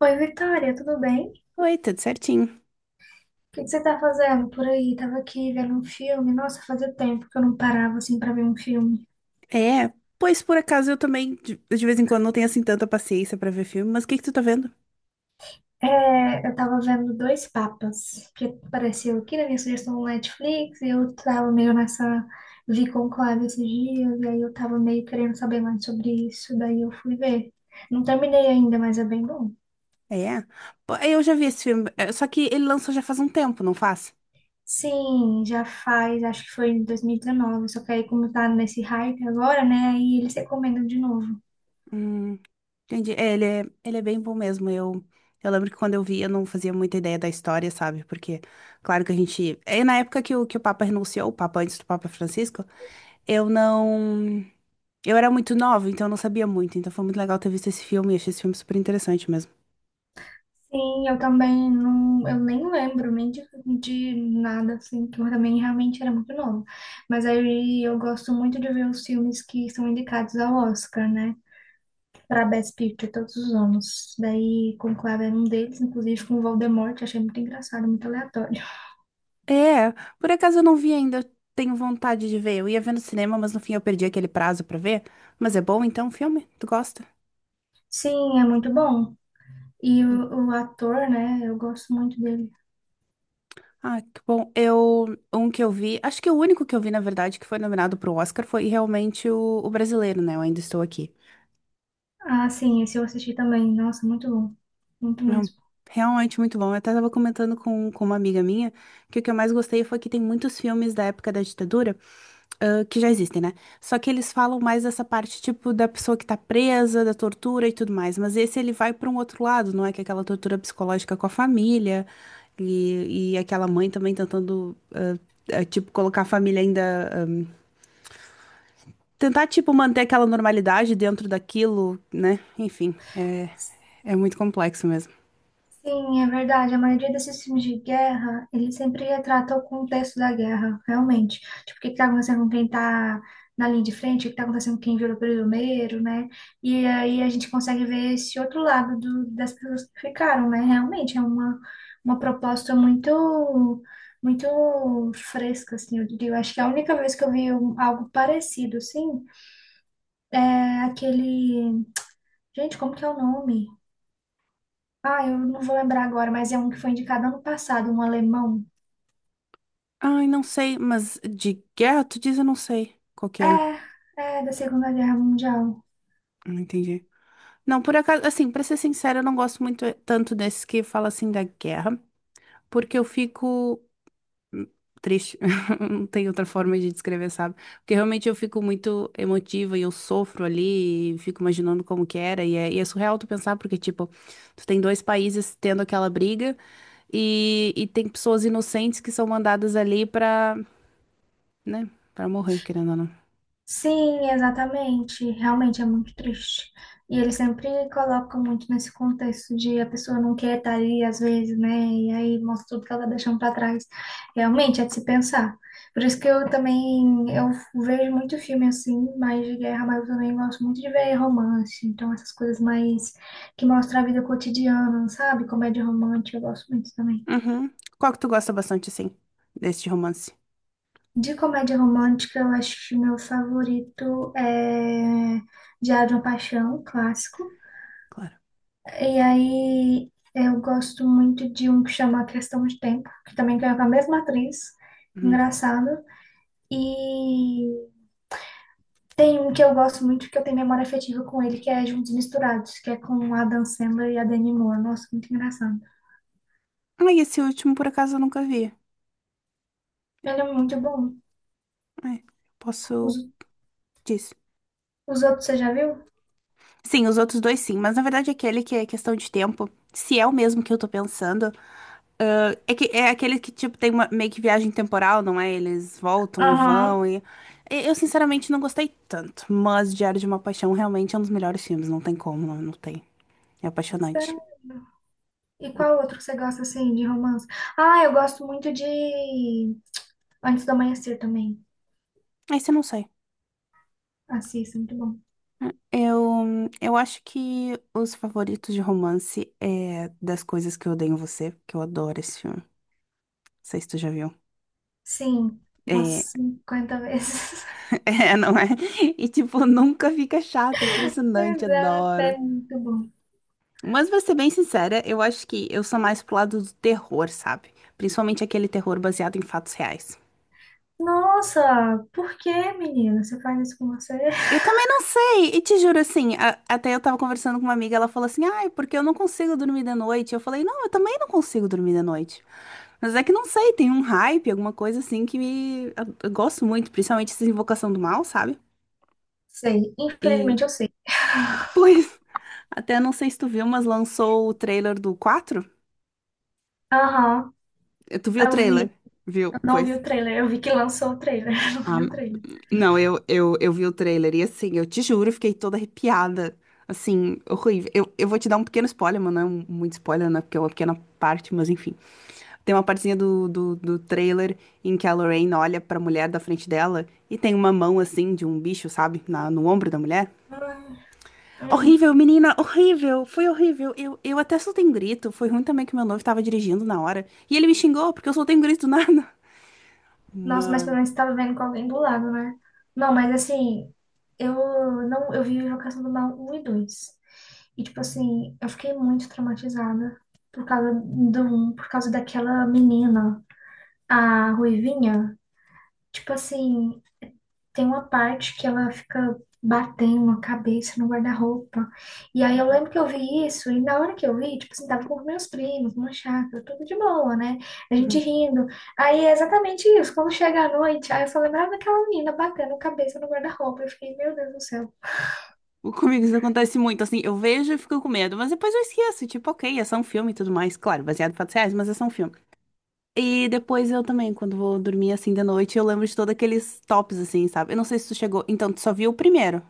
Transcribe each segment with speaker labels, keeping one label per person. Speaker 1: Oi, Vitória, tudo bem? O
Speaker 2: Oi, tudo certinho?
Speaker 1: que que você tá fazendo por aí? Tava aqui vendo um filme. Nossa, fazia tempo que eu não parava assim pra ver um filme.
Speaker 2: É, pois por acaso eu também de vez em quando não tenho assim tanta paciência pra ver filme, mas o que que tu tá vendo?
Speaker 1: É, eu tava vendo Dois Papas, que apareceu aqui na minha sugestão no Netflix, e eu tava meio nessa vi Conclave esses dias, e aí eu tava meio querendo saber mais sobre isso, daí eu fui ver. Não terminei ainda, mas é bem bom.
Speaker 2: É, pô, eu já vi esse filme, só que ele lançou já faz um tempo, não faz?
Speaker 1: Sim, já faz, acho que foi em 2019, só que aí como tá nesse hype agora, né, aí eles recomendam de novo.
Speaker 2: Hum, entendi. É, ele é bem bom mesmo. Eu lembro que quando eu vi eu não fazia muita ideia da história, sabe? Porque, claro que a gente. É na época que que o Papa renunciou, o Papa antes do Papa Francisco, eu não. Eu era muito nova, então eu não sabia muito. Então foi muito legal ter visto esse filme, e achei esse filme super interessante mesmo.
Speaker 1: Sim, eu também não, eu nem lembro nem de nada assim, que eu também realmente era muito nova. Mas aí eu gosto muito de ver os filmes que são indicados ao Oscar, né? Para Best Picture todos os anos. Daí Conclave era um deles, inclusive com o Voldemort, achei muito engraçado, muito aleatório.
Speaker 2: É, por acaso eu não vi ainda, eu tenho vontade de ver. Eu ia ver no cinema, mas no fim eu perdi aquele prazo pra ver. Mas é bom então o filme? Tu gosta?
Speaker 1: Sim, é muito bom. E
Speaker 2: Hum.
Speaker 1: o ator, né? Eu gosto muito dele.
Speaker 2: Ah, que bom. Eu, um que eu vi, acho que o único que eu vi, na verdade, que foi nominado pro Oscar foi realmente o brasileiro, né? Eu ainda estou aqui.
Speaker 1: Ah, sim, esse eu assisti também. Nossa, muito bom. Muito
Speaker 2: Não,
Speaker 1: mesmo.
Speaker 2: realmente muito bom. Eu até estava comentando com uma amiga minha que o que eu mais gostei foi que tem muitos filmes da época da ditadura, ah, que já existem, né? Só que eles falam mais dessa parte, tipo, da pessoa que tá presa, da tortura e tudo mais. Mas esse ele vai para um outro lado, não é? Que é aquela tortura psicológica com a família e aquela mãe também tentando, tipo, colocar a família ainda. ah, tentar, tipo, manter aquela normalidade dentro daquilo, né? Enfim, é muito complexo mesmo.
Speaker 1: Sim, é verdade. A maioria desses filmes de guerra, ele sempre retratam o contexto da guerra, realmente. Tipo, o que está acontecendo com quem está na linha de frente, o que está acontecendo com quem virou prisioneiro, né? E aí a gente consegue ver esse outro lado das pessoas que ficaram, né? Realmente é uma proposta muito, muito fresca, assim, eu diria. Eu acho que a única vez que eu vi algo parecido, assim, é aquele... Gente, como que é o nome? Ah, eu não vou lembrar agora, mas é um que foi indicado ano passado, um alemão.
Speaker 2: Ai, não sei, mas de guerra, tu diz, eu não sei qual que é.
Speaker 1: É, é da Segunda Guerra Mundial.
Speaker 2: Não entendi. Não, por acaso, assim, pra ser sincera, eu não gosto muito tanto desses que fala assim da guerra, porque eu fico hum, triste. Não tem outra forma de descrever, sabe? Porque realmente eu fico muito emotiva e eu sofro ali, e fico imaginando como que era, e é surreal tu pensar, porque, tipo, tu tem dois países tendo aquela briga e tem pessoas inocentes que são mandadas ali pra, né, pra morrer, querendo ou não.
Speaker 1: Sim, exatamente. Realmente é muito triste. E eles sempre colocam muito nesse contexto de a pessoa não quer estar ali, às vezes, né? E aí mostra tudo que ela tá deixando para trás. Realmente é de se pensar. Por isso que eu também eu vejo muito filme assim, mais de guerra, mas eu também gosto muito de ver romance. Então, essas coisas mais que mostram a vida cotidiana, sabe? Comédia romântica, eu gosto muito também.
Speaker 2: Uhum. Qual que tu gosta bastante, assim? Deste romance,
Speaker 1: De comédia romântica, eu acho que meu favorito é Diário de uma Paixão, um clássico.
Speaker 2: claro.
Speaker 1: E aí eu gosto muito de um que chama Questão de Tempo, que também é com a mesma atriz,
Speaker 2: Uhum.
Speaker 1: engraçado. E tem um que eu gosto muito, que eu tenho memória afetiva com ele, que é Juntos e Misturados, que é com a Adam Sandler e a Demi Moore. Nossa, muito engraçado.
Speaker 2: Ah, e esse último, por acaso, eu nunca vi.
Speaker 1: Ele é muito bom.
Speaker 2: É,
Speaker 1: Os,
Speaker 2: posso... Disso.
Speaker 1: os outros você já viu?
Speaker 2: Sim, os outros dois sim, mas na verdade aquele que é questão de tempo, se é o mesmo que eu tô pensando, ah, é que é aquele que, tipo, tem uma meio que viagem temporal, não é? Eles voltam e
Speaker 1: Aham.
Speaker 2: vão e- Eu, sinceramente, não gostei tanto, mas Diário de uma Paixão realmente é um dos melhores filmes, não tem como, não tem. É apaixonante.
Speaker 1: Sério? E qual outro que você gosta, assim, de romance? Ah, eu gosto muito de Antes do Amanhecer também.
Speaker 2: Esse eu não sei.
Speaker 1: Assista, muito bom.
Speaker 2: Eu acho que os favoritos de romance é das coisas que eu odeio em você, porque eu adoro esse filme. Não sei se tu já viu.
Speaker 1: Sim, umas
Speaker 2: É,
Speaker 1: 50 vezes.
Speaker 2: é, não é? E tipo, nunca fica chato, é impressionante,
Speaker 1: Exato,
Speaker 2: adoro.
Speaker 1: é muito bom.
Speaker 2: Mas pra ser bem sincera, eu acho que eu sou mais pro lado do terror, sabe? Principalmente aquele terror baseado em fatos reais.
Speaker 1: Nossa, por que, menina? Você faz isso com você?
Speaker 2: Eu também não sei, e te juro assim, a- até eu tava conversando com uma amiga, ela falou assim, ai, porque eu não consigo dormir de noite. Eu falei, não, eu também não consigo dormir de noite. Mas é que não sei, tem um hype, alguma coisa assim que me... eu gosto muito, principalmente essa Invocação do Mal, sabe?
Speaker 1: Sei,
Speaker 2: E,
Speaker 1: infelizmente eu sei.
Speaker 2: pois, até não sei se tu viu, mas lançou o trailer do quatro.
Speaker 1: Aham,
Speaker 2: Eh, tu viu o
Speaker 1: eu
Speaker 2: trailer?
Speaker 1: vi.
Speaker 2: Viu?
Speaker 1: Eu não
Speaker 2: Pois.
Speaker 1: vi o trailer, eu vi que lançou o trailer. Eu não
Speaker 2: Ah,
Speaker 1: vi o trailer.
Speaker 2: não, eu vi o trailer e assim, eu te juro, eu fiquei toda arrepiada. Assim, horrível. Eu vou te dar um pequeno spoiler, mas não é um- muito spoiler, né? Porque é uma pequena parte, mas enfim. Tem uma partezinha do trailer em que a Lorraine olha pra mulher da frente dela e tem uma mão assim de um bicho, sabe? Na, no ombro da mulher.
Speaker 1: Ai, hum.
Speaker 2: Horrível, menina, horrível, foi horrível. Eu até soltei um grito. Foi ruim também que meu noivo tava dirigindo na hora. E ele me xingou porque eu soltei um grito do nada.
Speaker 1: Nossa, mas pelo
Speaker 2: Mano.
Speaker 1: menos você tava vendo com alguém do lado, né? Não, mas assim, eu não, eu vi Invocação do Mal um e 2. E, tipo assim, eu fiquei muito traumatizada por causa daquela menina, a Ruivinha. Tipo assim, tem uma parte que ela fica batendo a cabeça no guarda-roupa. E aí eu
Speaker 2: Uhum,
Speaker 1: lembro que eu vi isso, e na hora que eu vi, tipo assim, tava com meus primos, numa chácara, tudo de boa, né? A gente
Speaker 2: uhum.
Speaker 1: rindo. Aí é exatamente isso, quando chega a noite, aí eu só lembrava daquela menina batendo a cabeça no guarda-roupa. Eu fiquei, meu Deus do céu.
Speaker 2: O- Comigo isso acontece muito, assim, eu vejo e fico com medo, mas depois eu esqueço, tipo, ok, é só um filme e tudo mais. Claro, baseado em fatos reais, mas é só um filme. E depois eu também, quando vou dormir assim de noite, eu lembro de todos aqueles tops, assim, sabe? Eu não sei se tu chegou. Então, tu só viu o primeiro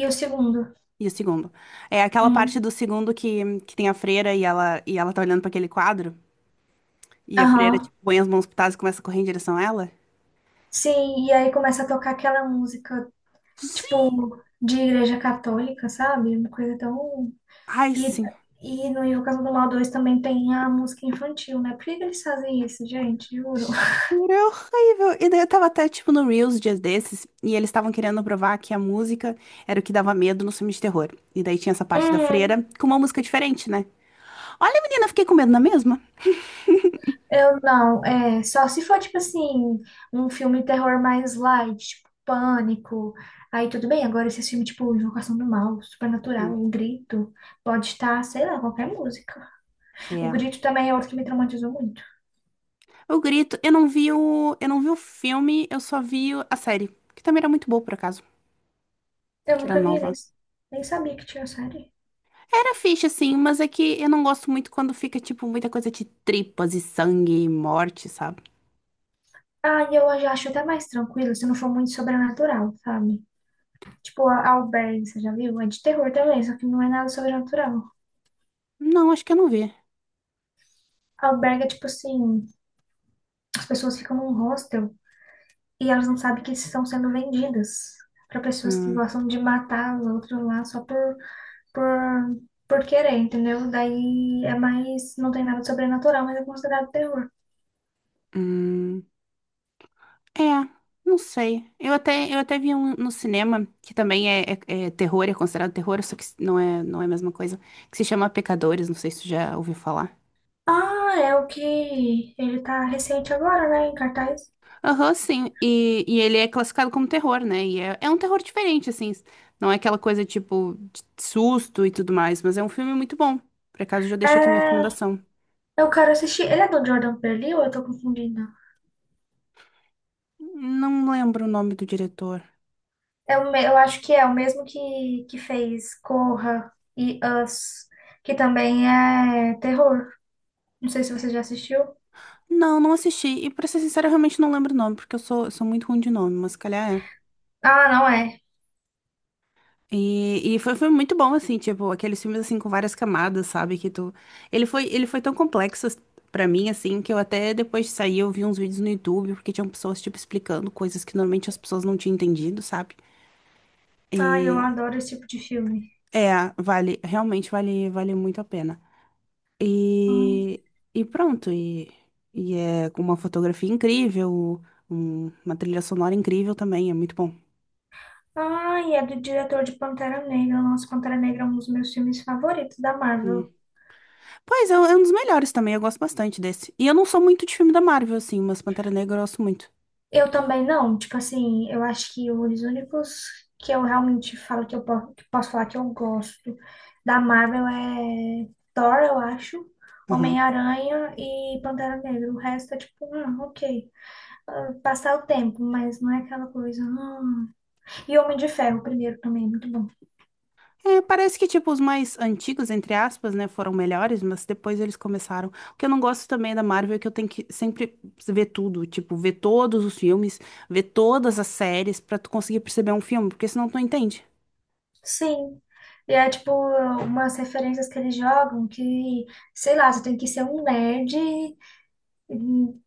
Speaker 1: E o segundo?
Speaker 2: e o segundo. É aquela parte
Speaker 1: Uhum.
Speaker 2: do segundo que tem a freira e ela tá olhando pra aquele quadro. E a freira,
Speaker 1: Aham.
Speaker 2: tipo, põe as mãos pitadas e começa a correr em direção a ela.
Speaker 1: Sim, e aí começa a tocar aquela música,
Speaker 2: Sim.
Speaker 1: tipo, de igreja católica, sabe? Uma coisa tão.
Speaker 2: Ai,
Speaker 1: E,
Speaker 2: sim.
Speaker 1: e no Invocação do Mal 2 também tem a música infantil, né? Por que que eles fazem isso, gente? Juro.
Speaker 2: É horrível. E daí eu tava até, tipo, no Reels dias desses, e eles estavam querendo provar que a música era o que dava medo nos filmes de terror. E daí tinha essa parte da
Speaker 1: Uhum.
Speaker 2: freira com uma música diferente, né? Olha, menina, eu fiquei com medo na mesma.
Speaker 1: Eu não, é. Só se for, tipo assim, um filme terror mais light, tipo, Pânico. Aí tudo bem, agora esse filme, tipo, Invocação do Mal, Supernatural,
Speaker 2: Hum,
Speaker 1: O Grito, pode estar, sei lá, qualquer música. O
Speaker 2: É.
Speaker 1: Grito também é outro que me traumatizou muito.
Speaker 2: Eu grito. Eu não vi eu não vi o filme, eu só vi o- a série, que também era muito boa por acaso,
Speaker 1: Eu
Speaker 2: que era
Speaker 1: nunca vi,
Speaker 2: nova.
Speaker 1: nem, nem sabia que tinha série.
Speaker 2: Era fixe assim, mas é que eu não gosto muito quando fica tipo muita coisa de tripas e sangue e morte, sabe?
Speaker 1: Ah, e eu já acho até mais tranquilo se não for muito sobrenatural, sabe? Tipo, a Albergue, você já viu? É de terror também, só que não é nada sobrenatural.
Speaker 2: Não, acho que eu não vi.
Speaker 1: Albergue é tipo assim, as pessoas ficam num hostel e elas não sabem que estão sendo vendidas pra pessoas que
Speaker 2: Hum,
Speaker 1: gostam de matar os outros lá só por, por querer, entendeu? Daí é mais, não tem nada de sobrenatural, mas é considerado terror.
Speaker 2: hum, é, não sei. Eu até vi um no cinema que também é- é terror, é considerado terror, só que não é a mesma coisa, que se chama Pecadores, não sei se tu já ouviu falar.
Speaker 1: Ah, é o que ele tá recente agora, né, em cartaz.
Speaker 2: Aham, sim. E ele é classificado como terror, né? E é um terror diferente, assim. Não é aquela coisa tipo de susto e tudo mais, mas é um filme muito bom. Por acaso, já deixo aqui minha
Speaker 1: É,
Speaker 2: recomendação.
Speaker 1: eu quero assistir. Ele é do Jordan Peele ou eu tô confundindo?
Speaker 2: Não lembro o nome do diretor.
Speaker 1: Eu acho que é o mesmo que fez Corra e Us, que também é terror. Não sei se você já assistiu.
Speaker 2: Não, não assisti. E pra ser sincera, eu realmente não lembro o nome, porque eu sou muito ruim de nome, mas se calhar é.
Speaker 1: Ah, não é.
Speaker 2: Foi, foi muito bom, assim, tipo, aqueles filmes, assim, com várias camadas, sabe, que tu... ele foi tão complexo pra mim, assim, que eu até depois de sair eu vi uns vídeos no YouTube, porque tinham pessoas, tipo, explicando coisas que normalmente as pessoas não tinham entendido, sabe?
Speaker 1: Ai, eu
Speaker 2: E,
Speaker 1: adoro esse tipo de filme.
Speaker 2: é, vale, realmente vale muito a pena.
Speaker 1: Ai,
Speaker 2: E, e pronto, e, e é com uma fotografia incrível, um- uma trilha sonora incrível também, é muito bom.
Speaker 1: ai, é do diretor de Pantera Negra. Nossa, Pantera Negra é um dos meus filmes favoritos da Marvel.
Speaker 2: Pois, é um dos melhores também, eu gosto bastante desse. E eu não sou muito de filme da Marvel, assim, mas Pantera Negra eu gosto muito.
Speaker 1: Eu também não, tipo assim, eu acho que os únicos que eu realmente falo que eu que posso falar que eu gosto da Marvel é Thor, eu acho,
Speaker 2: Aham.
Speaker 1: Homem-Aranha e Pantera Negra. O resto é tipo, ok, ah, passar o tempo, mas não é aquela coisa. Hum. E Homem de Ferro, o primeiro também, muito bom.
Speaker 2: É, parece que, tipo, os mais antigos, entre aspas, né, foram melhores, mas depois eles começaram. O que eu não gosto também da Marvel é que eu tenho que sempre ver tudo, tipo, ver todos os filmes, ver todas as séries pra tu conseguir perceber um filme, porque senão tu não entende.
Speaker 1: Sim. E é tipo umas referências que eles jogam que, sei lá, você tem que ser um nerd. Hum,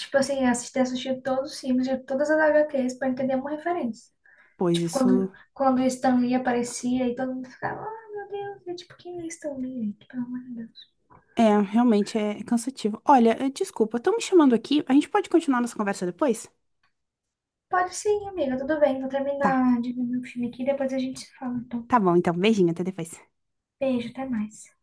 Speaker 1: Tipo assim, assisti todos os filmes de todas as HQs pra entender uma referência.
Speaker 2: Pois
Speaker 1: Tipo,
Speaker 2: isso
Speaker 1: quando o Stan Lee aparecia e todo mundo ficava, ah, meu Deus, é tipo, quem é Stan Lee, gente? Pelo amor de Deus.
Speaker 2: é, realmente é cansativo. Olha, desculpa, estão me chamando aqui, a gente pode continuar nossa conversa depois?
Speaker 1: Pode sim, amiga, tudo bem, vou
Speaker 2: Tá,
Speaker 1: terminar de ver meu filme aqui, e depois a gente se fala. Então,
Speaker 2: tá bom, então, beijinho, até depois.
Speaker 1: beijo, até mais.